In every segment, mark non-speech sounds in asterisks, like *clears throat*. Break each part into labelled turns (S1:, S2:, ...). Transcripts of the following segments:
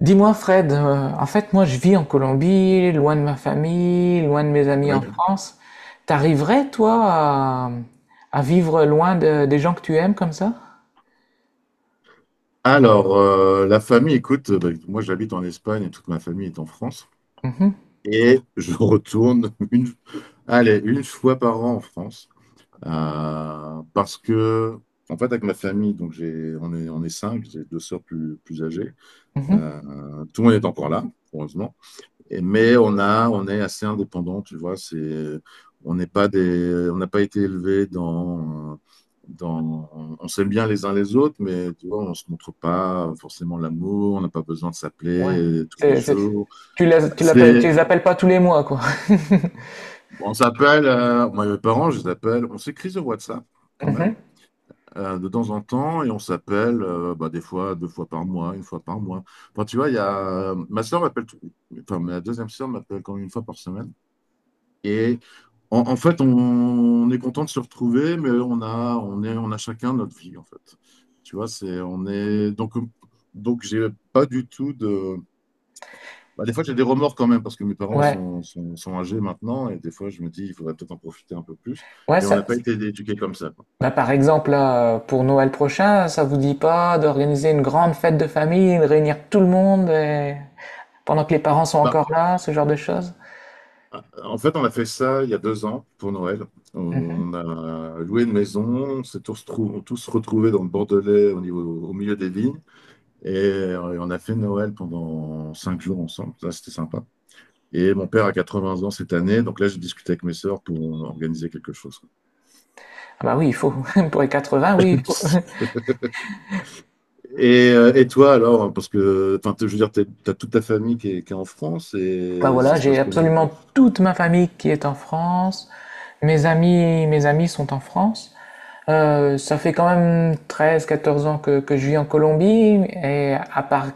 S1: Dis-moi Fred, en fait moi je vis en Colombie, loin de ma famille, loin de mes amis en
S2: Oui.
S1: France. T'arriverais toi à vivre loin des gens que tu aimes comme ça?
S2: Alors, la famille, écoute, moi j'habite en Espagne et toute ma famille est en France.
S1: Mhm,
S2: Et je retourne *laughs* une fois par an en France. Parce que, en fait, avec ma famille, on est 5, j'ai 2 sœurs plus âgées.
S1: mhm.
S2: Tout le monde est encore là, heureusement. Mais on est assez indépendant, tu vois. On n'est pas des, on n'a pas été élevés on s'aime bien les uns les autres, mais tu vois, on se montre pas forcément l'amour. On n'a pas besoin de s'appeler
S1: Ouais.
S2: tous les
S1: C'est- c'est-
S2: jours.
S1: Tu les,
S2: C'est,
S1: tu les appelles pas tous les mois, quoi.
S2: on s'appelle, moi et mes parents, je les appelle. On s'écrit sur WhatsApp
S1: *laughs*
S2: quand même
S1: Mhm.
S2: de temps en temps et on s'appelle des fois 2 fois par mois, 1 fois par mois. Enfin, tu vois, ma soeur m'appelle, enfin ma deuxième soeur m'appelle quand même 1 fois par semaine. Et en fait, on est content de se retrouver, mais on a chacun notre vie, en fait. Tu vois, c'est, on est, donc j'ai pas du tout de. Bah, des fois, j'ai des remords quand même parce que mes parents
S1: Ouais,
S2: sont âgés maintenant et des fois, je me dis, il faudrait peut-être en profiter un peu plus.
S1: ouais,
S2: Mais on
S1: ça.
S2: n'a pas été éduqués comme ça. Quoi.
S1: Bah, par exemple, là, pour Noël prochain, ça vous dit pas d'organiser une grande fête de famille, de réunir tout le monde pendant que les parents sont encore
S2: Bah,
S1: là, ce genre de choses?
S2: en fait, on a fait ça il y a 2 ans pour Noël.
S1: Mhm.
S2: On a loué une maison, on s'est tous, trou- tous retrouvés dans le Bordelais, au milieu des vignes. On a fait Noël pendant 5 jours ensemble. Ça, c'était sympa. Et mon père a 80 ans cette année, donc là j'ai discuté avec mes sœurs pour organiser quelque chose.
S1: Ah bah oui, il faut. *laughs* Pour les 80, oui, il
S2: *laughs*
S1: faut. *laughs*
S2: Et et toi alors, parce que enfin, je veux dire, tu as toute ta famille qui est en France
S1: Bah
S2: et ça
S1: voilà,
S2: se
S1: j'ai
S2: passe comment?
S1: absolument toute ma famille qui est en France. Mes amis sont en France. Ça fait quand même 13, 14 ans que je vis en Colombie. Et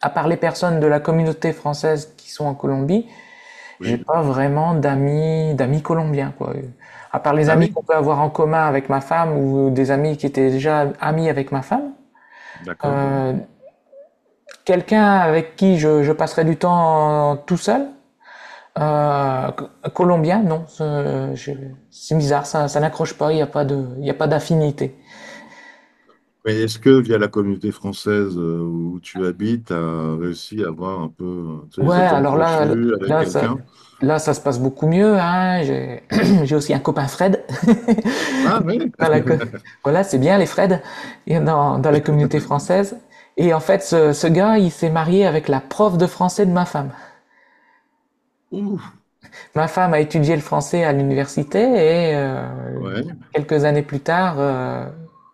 S1: à part les personnes de la communauté française qui sont en Colombie, j'ai
S2: Oui.
S1: pas vraiment d'amis, d'amis colombiens, quoi. À part les
S2: Ah
S1: amis
S2: oui,
S1: qu'on peut avoir en commun avec ma femme ou des amis qui étaient déjà amis avec ma femme.
S2: d'accord.
S1: Euh, Quelqu'un avec qui je passerai du temps tout seul. Euh, Colombien, non. C'est bizarre, ça n'accroche pas, il n'y a pas de, il y a pas d'affinité.
S2: Mais est-ce que via la communauté française où tu habites, tu as réussi à avoir un peu tu sais,
S1: Ouais,
S2: les atomes
S1: alors là,
S2: crochus avec
S1: là, ça,
S2: quelqu'un?
S1: là, ça se passe beaucoup mieux, hein. J'ai *clears throat* *coughs* j'ai aussi un copain Fred.
S2: Ah oui,
S1: *laughs* dans la Voilà, c'est bien les Freds dans, dans la communauté française. Et en fait, ce gars, il s'est marié avec la prof de français de ma femme.
S2: Ouh,
S1: Ma femme a étudié le français à l'université et
S2: ouais,
S1: quelques années plus tard,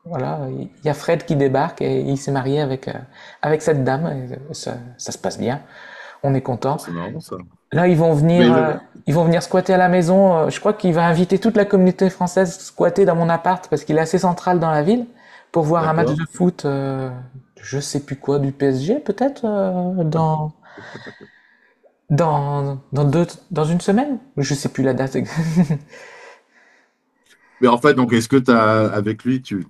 S1: voilà, il y a Fred qui débarque et il s'est marié avec, avec cette dame. Et, ça, ça se passe bien, on est
S2: Ça,
S1: content.
S2: c'est marrant ça.
S1: Là,
S2: Mais je-
S1: ils vont venir squatter à la maison. Je crois qu'il va inviter toute la communauté française squatter dans mon appart parce qu'il est assez central dans la ville pour voir un match
S2: d'accord.
S1: de foot, je sais plus quoi, du PSG peut-être dans dans deux dans une semaine. Je sais plus la date.
S2: Mais en fait, donc est-ce que tu as avec lui, tu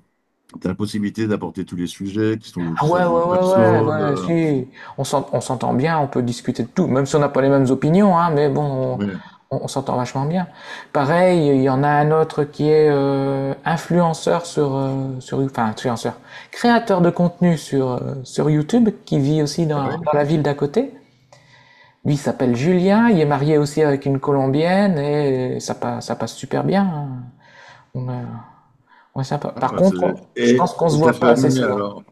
S2: as la possibilité d'apporter tous les sujets
S1: Ah
S2: qui
S1: ouais, ouais,
S2: sont en
S1: ouais,
S2: perso
S1: ouais, ouais,
S2: de...
S1: si. On s'entend bien, on peut discuter de tout, même si on n'a pas les mêmes opinions, hein, mais bon,
S2: Oui,
S1: on s'entend vachement bien. Pareil, il y en a un autre qui est influenceur sur, sur, créateur de contenu sur, sur YouTube, qui vit aussi
S2: ah
S1: dans,
S2: oui.
S1: dans la ville d'à côté. Lui, il s'appelle Julien, il est marié aussi avec une Colombienne, et ça passe super bien, hein. On est, on est sympa. Par contre, je pense qu'on
S2: Et
S1: se
S2: ta
S1: voit pas assez
S2: famille
S1: souvent.
S2: alors?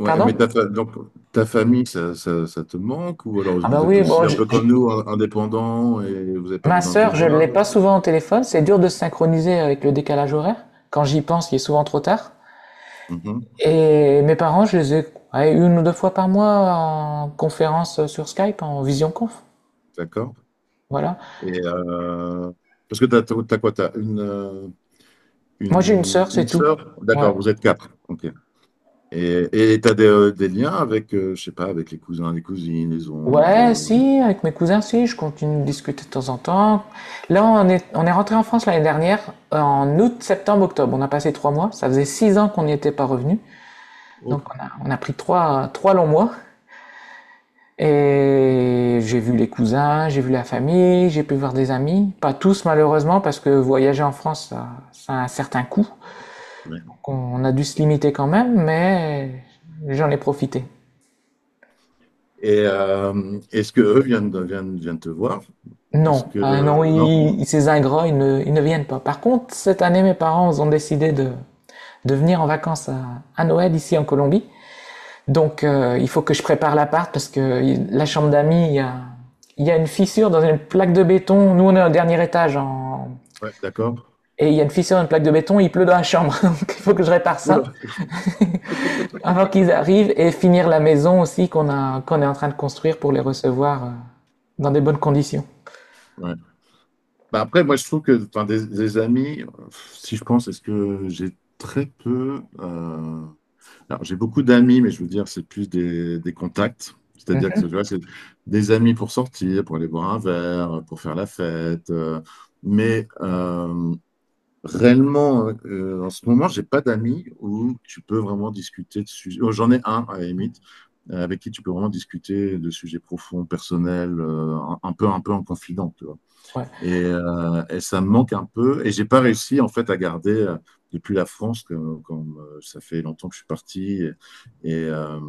S2: Ouais, mais
S1: Pardon?
S2: ta, fa- donc, ta famille, ça te manque? Ou alors
S1: Ah bah
S2: vous êtes
S1: oui,
S2: aussi
S1: bon,
S2: un peu comme nous, indépendants et vous n'avez pas
S1: ma
S2: besoin de vous
S1: sœur, je ne
S2: voir?
S1: l'ai pas souvent au téléphone, c'est dur de se synchroniser avec le décalage horaire. Quand j'y pense, il est souvent trop tard.
S2: Mhm,
S1: Et mes parents, je les ai ouais, une ou deux fois par mois en conférence sur Skype, en visionconf.
S2: d'accord.
S1: Voilà.
S2: Et parce que t'as quoi? T'as une, euh,
S1: Moi, j'ai une
S2: une,
S1: sœur, c'est
S2: une
S1: tout.
S2: sœur?
S1: Ouais.
S2: D'accord, vous êtes quatre. Ok. Et, et t'as des liens avec, je sais pas, avec les cousins, les cousines, les oncles.
S1: Ouais, si, avec mes cousins, si, je continue de discuter de temps en temps. Là, on est rentré en France l'année dernière, en août, septembre, octobre. On a passé trois mois. Ça faisait six ans qu'on n'y était pas revenu.
S2: Oh,
S1: Donc, on a pris trois, trois longs mois. Et j'ai vu les cousins, j'ai vu la famille, j'ai pu voir des amis. Pas tous malheureusement parce que voyager en France, ça a un certain coût.
S2: ouais.
S1: On a dû se limiter quand même, mais j'en ai profité.
S2: Et est-ce que eux viennent te voir? Est-ce
S1: Non, hein,
S2: que
S1: non,
S2: non?
S1: ils, ces ingrats, ils ne viennent pas. Par contre, cette année, mes parents ont décidé de venir en vacances à Noël ici en Colombie. Donc, il faut que je prépare l'appart parce que la chambre d'amis, il y a une fissure dans une plaque de béton. Nous, on est au dernier étage, en.
S2: Ouais, d'accord.
S1: Et il y a une fissure, une plaque de béton, il pleut dans la chambre. *laughs* Donc il faut que je répare ça
S2: Oula.
S1: avant qu'ils arrivent et finir la maison aussi qu'on a, qu'on est en train de construire pour les recevoir dans des bonnes conditions.
S2: Ouais. Bah après, moi, je trouve que enfin, des amis, si je pense, est-ce que j'ai très peu. Alors, j'ai beaucoup d'amis, mais je veux dire, c'est plus des contacts. C'est-à-dire que tu vois, c'est des amis pour sortir, pour aller boire un verre, pour faire la fête. Mais réellement, en ce moment, j'ai pas d'amis où tu peux vraiment discuter de sujets. Oh, j'en ai un, à la limite, avec qui tu peux vraiment discuter de sujets profonds, personnels, un peu en confident.
S1: Ouais.
S2: Et ça me manque un peu. Et j'ai pas réussi en fait à garder depuis la France, que- comme ça fait longtemps que je suis parti, et, euh,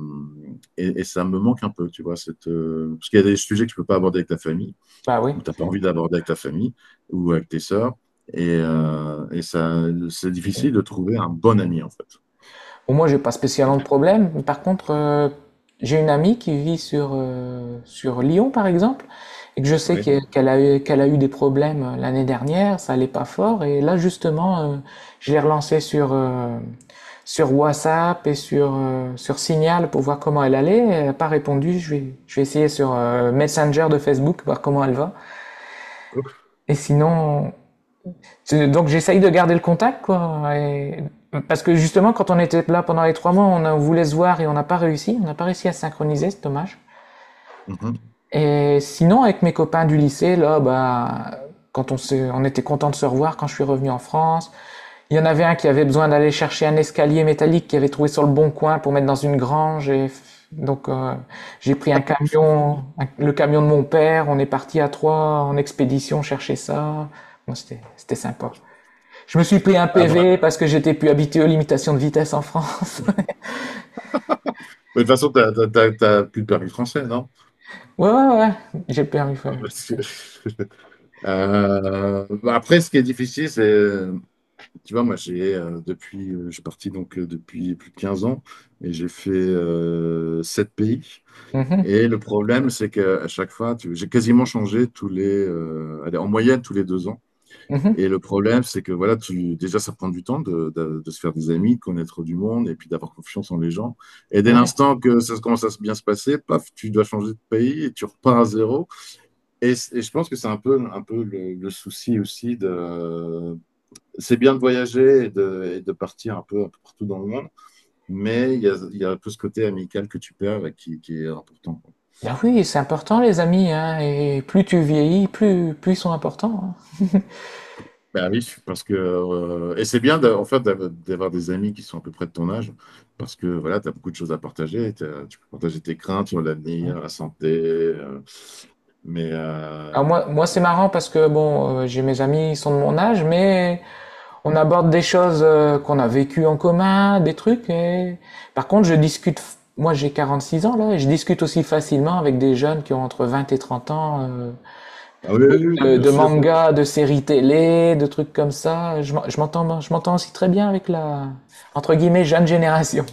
S2: et ça me manque un peu, tu vois, parce qu'il y a des sujets que tu peux pas aborder avec ta famille,
S1: Bah oui.
S2: ou t'as pas envie d'aborder avec ta famille, ou avec tes sœurs, et ça, c'est difficile de trouver un bon ami en fait.
S1: Bon, moi, j'ai pas spécialement de problème, mais par contre, j'ai une amie qui vit sur, sur Lyon, par exemple, et que je sais
S2: Oui.
S1: qu'elle a eu des problèmes l'année dernière, ça allait pas fort. Et là, justement, je l'ai relancée sur, sur WhatsApp et sur, sur Signal pour voir comment elle allait. Elle n'a pas répondu. Je vais essayer sur Messenger de Facebook, voir comment elle va. Et sinon, donc j'essaye de garder le contact, quoi. Parce que justement, quand on était là pendant les trois mois, on voulait se voir et on n'a pas réussi. On n'a pas réussi à synchroniser, c'est dommage.
S2: Mhm.
S1: Et sinon, avec mes copains du lycée, là, bah, on était content de se revoir quand je suis revenu en France. Il y en avait un qui avait besoin d'aller chercher un escalier métallique qu'il avait trouvé sur le bon coin pour mettre dans une grange. Et donc j'ai pris un camion, le camion de mon père. On est parti à trois en expédition chercher ça. Bon, c'était, c'était sympa. Je me suis pris un PV parce que j'étais plus habitué aux limitations de vitesse en France. *laughs*
S2: Mais de toute façon, t'as plus de permis français, non?
S1: Ouais, ouais, ouais. J'ai le
S2: *laughs*
S1: permis. Ouais.
S2: Ah, bah, bah après, ce qui est difficile, c'est tu vois, moi, je suis parti depuis plus de 15 ans et j'ai fait 7 pays.
S1: Mhm,
S2: Et le problème, c'est qu'à chaque fois, j'ai quasiment changé tous les, en moyenne tous les 2 ans.
S1: mhm.
S2: Et le problème, c'est que voilà, tu, déjà, ça prend du temps de se faire des amis, de connaître du monde et puis d'avoir confiance en les gens. Et dès
S1: Ouais.
S2: l'instant que ça commence à se bien se passer, paf, tu dois changer de pays et tu repars à zéro. Et je pense que c'est un peu le souci aussi de, c'est bien de voyager et de partir un peu, partout dans le monde, mais il y a un peu ce côté amical que tu perds et qui est important. Quoi.
S1: Ben oui, c'est important les amis, hein, et plus tu vieillis, plus, plus ils sont importants,
S2: Bah oui, parce que et c'est bien d'avoir des amis qui sont à peu près de ton âge, parce que voilà, tu as beaucoup de choses à partager, tu peux partager tes craintes sur
S1: hein. Ouais.
S2: l'avenir, la santé, mais
S1: Alors moi, moi c'est marrant parce que bon, j'ai mes amis, ils sont de mon âge, mais on aborde des choses qu'on a vécues en commun, des trucs. Et... Par contre, je discute, moi j'ai 46 ans là, et je discute aussi facilement avec des jeunes qui ont entre 20 et 30 ans,
S2: ah oui, oui, oui, bien
S1: de
S2: sûr.
S1: mangas, de séries télé, de trucs comme ça. Je m'entends aussi très bien avec la, entre guillemets, jeune génération.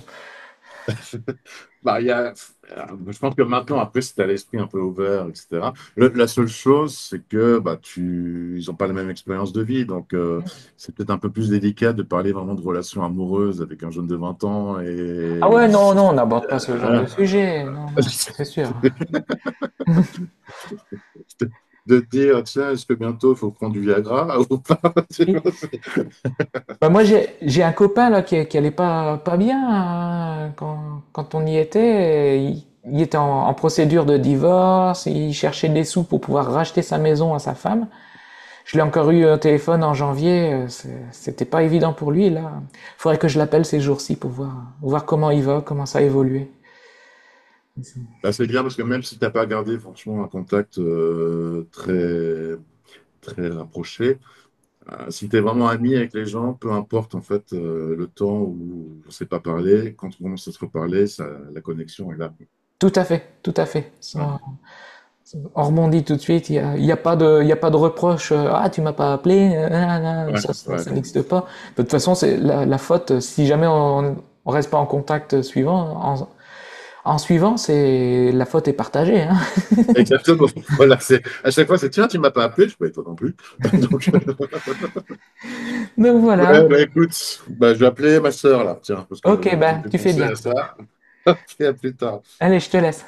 S2: *laughs* Bah, il y a- je pense que maintenant, après, si tu as l'esprit un peu ouvert, etc., la seule chose, c'est que bah, tu, ils n'ont pas la même expérience de vie. Donc, c'est peut-être un peu plus délicat de parler vraiment de relations amoureuses avec un jeune de 20 ans
S1: Ah
S2: et
S1: ouais, non, non, on n'aborde pas ce genre de
S2: voilà.
S1: sujet. Non, non,
S2: *laughs*
S1: c'est sûr.
S2: de te dire, tiens, est-ce que bientôt, il faut prendre du Viagra ou pas? *laughs* Tu
S1: Oui.
S2: vois, c'est
S1: Bah moi, j'ai un copain là qui allait pas, pas bien hein, quand, quand on y était. Il était en, en procédure de divorce. Il cherchait des sous pour pouvoir racheter sa maison à sa femme. Je l'ai encore eu au téléphone en janvier, c'était pas évident pour lui là. Faudrait que je l'appelle ces jours-ci pour voir, voir comment il va, comment ça a évolué.
S2: bah, c'est bien parce que même si tu n'as pas gardé franchement un contact très rapproché, si tu es vraiment ami avec les gens, peu importe en fait le temps où on ne s'est pas parlé, quand on commence à se reparler, ça, la connexion est là.
S1: Tout à fait, tout à fait.
S2: Ouais,
S1: On rebondit tout de suite, il n'y a, il y a pas de, il y a pas de reproche. Ah, tu m'as pas appelé,
S2: ouais,
S1: ça, ça,
S2: ouais.
S1: ça n'existe pas. De toute façon, c'est la, la faute, si jamais on, on reste pas en contact en suivant, c'est la faute est partagée, hein.
S2: Exactement. *laughs* Voilà, à chaque fois, c'est tiens, tu m'as pas appelé, je peux toi non plus. *laughs* Donc,
S1: *laughs* Donc voilà.
S2: ouais, bah, écoute, bah, je vais appeler ma sœur là, tiens, parce
S1: Ok,
S2: que tu me
S1: ben,
S2: fais
S1: tu fais
S2: penser
S1: bien.
S2: à ça. *laughs* Ok, à plus tard.
S1: Allez, je te laisse.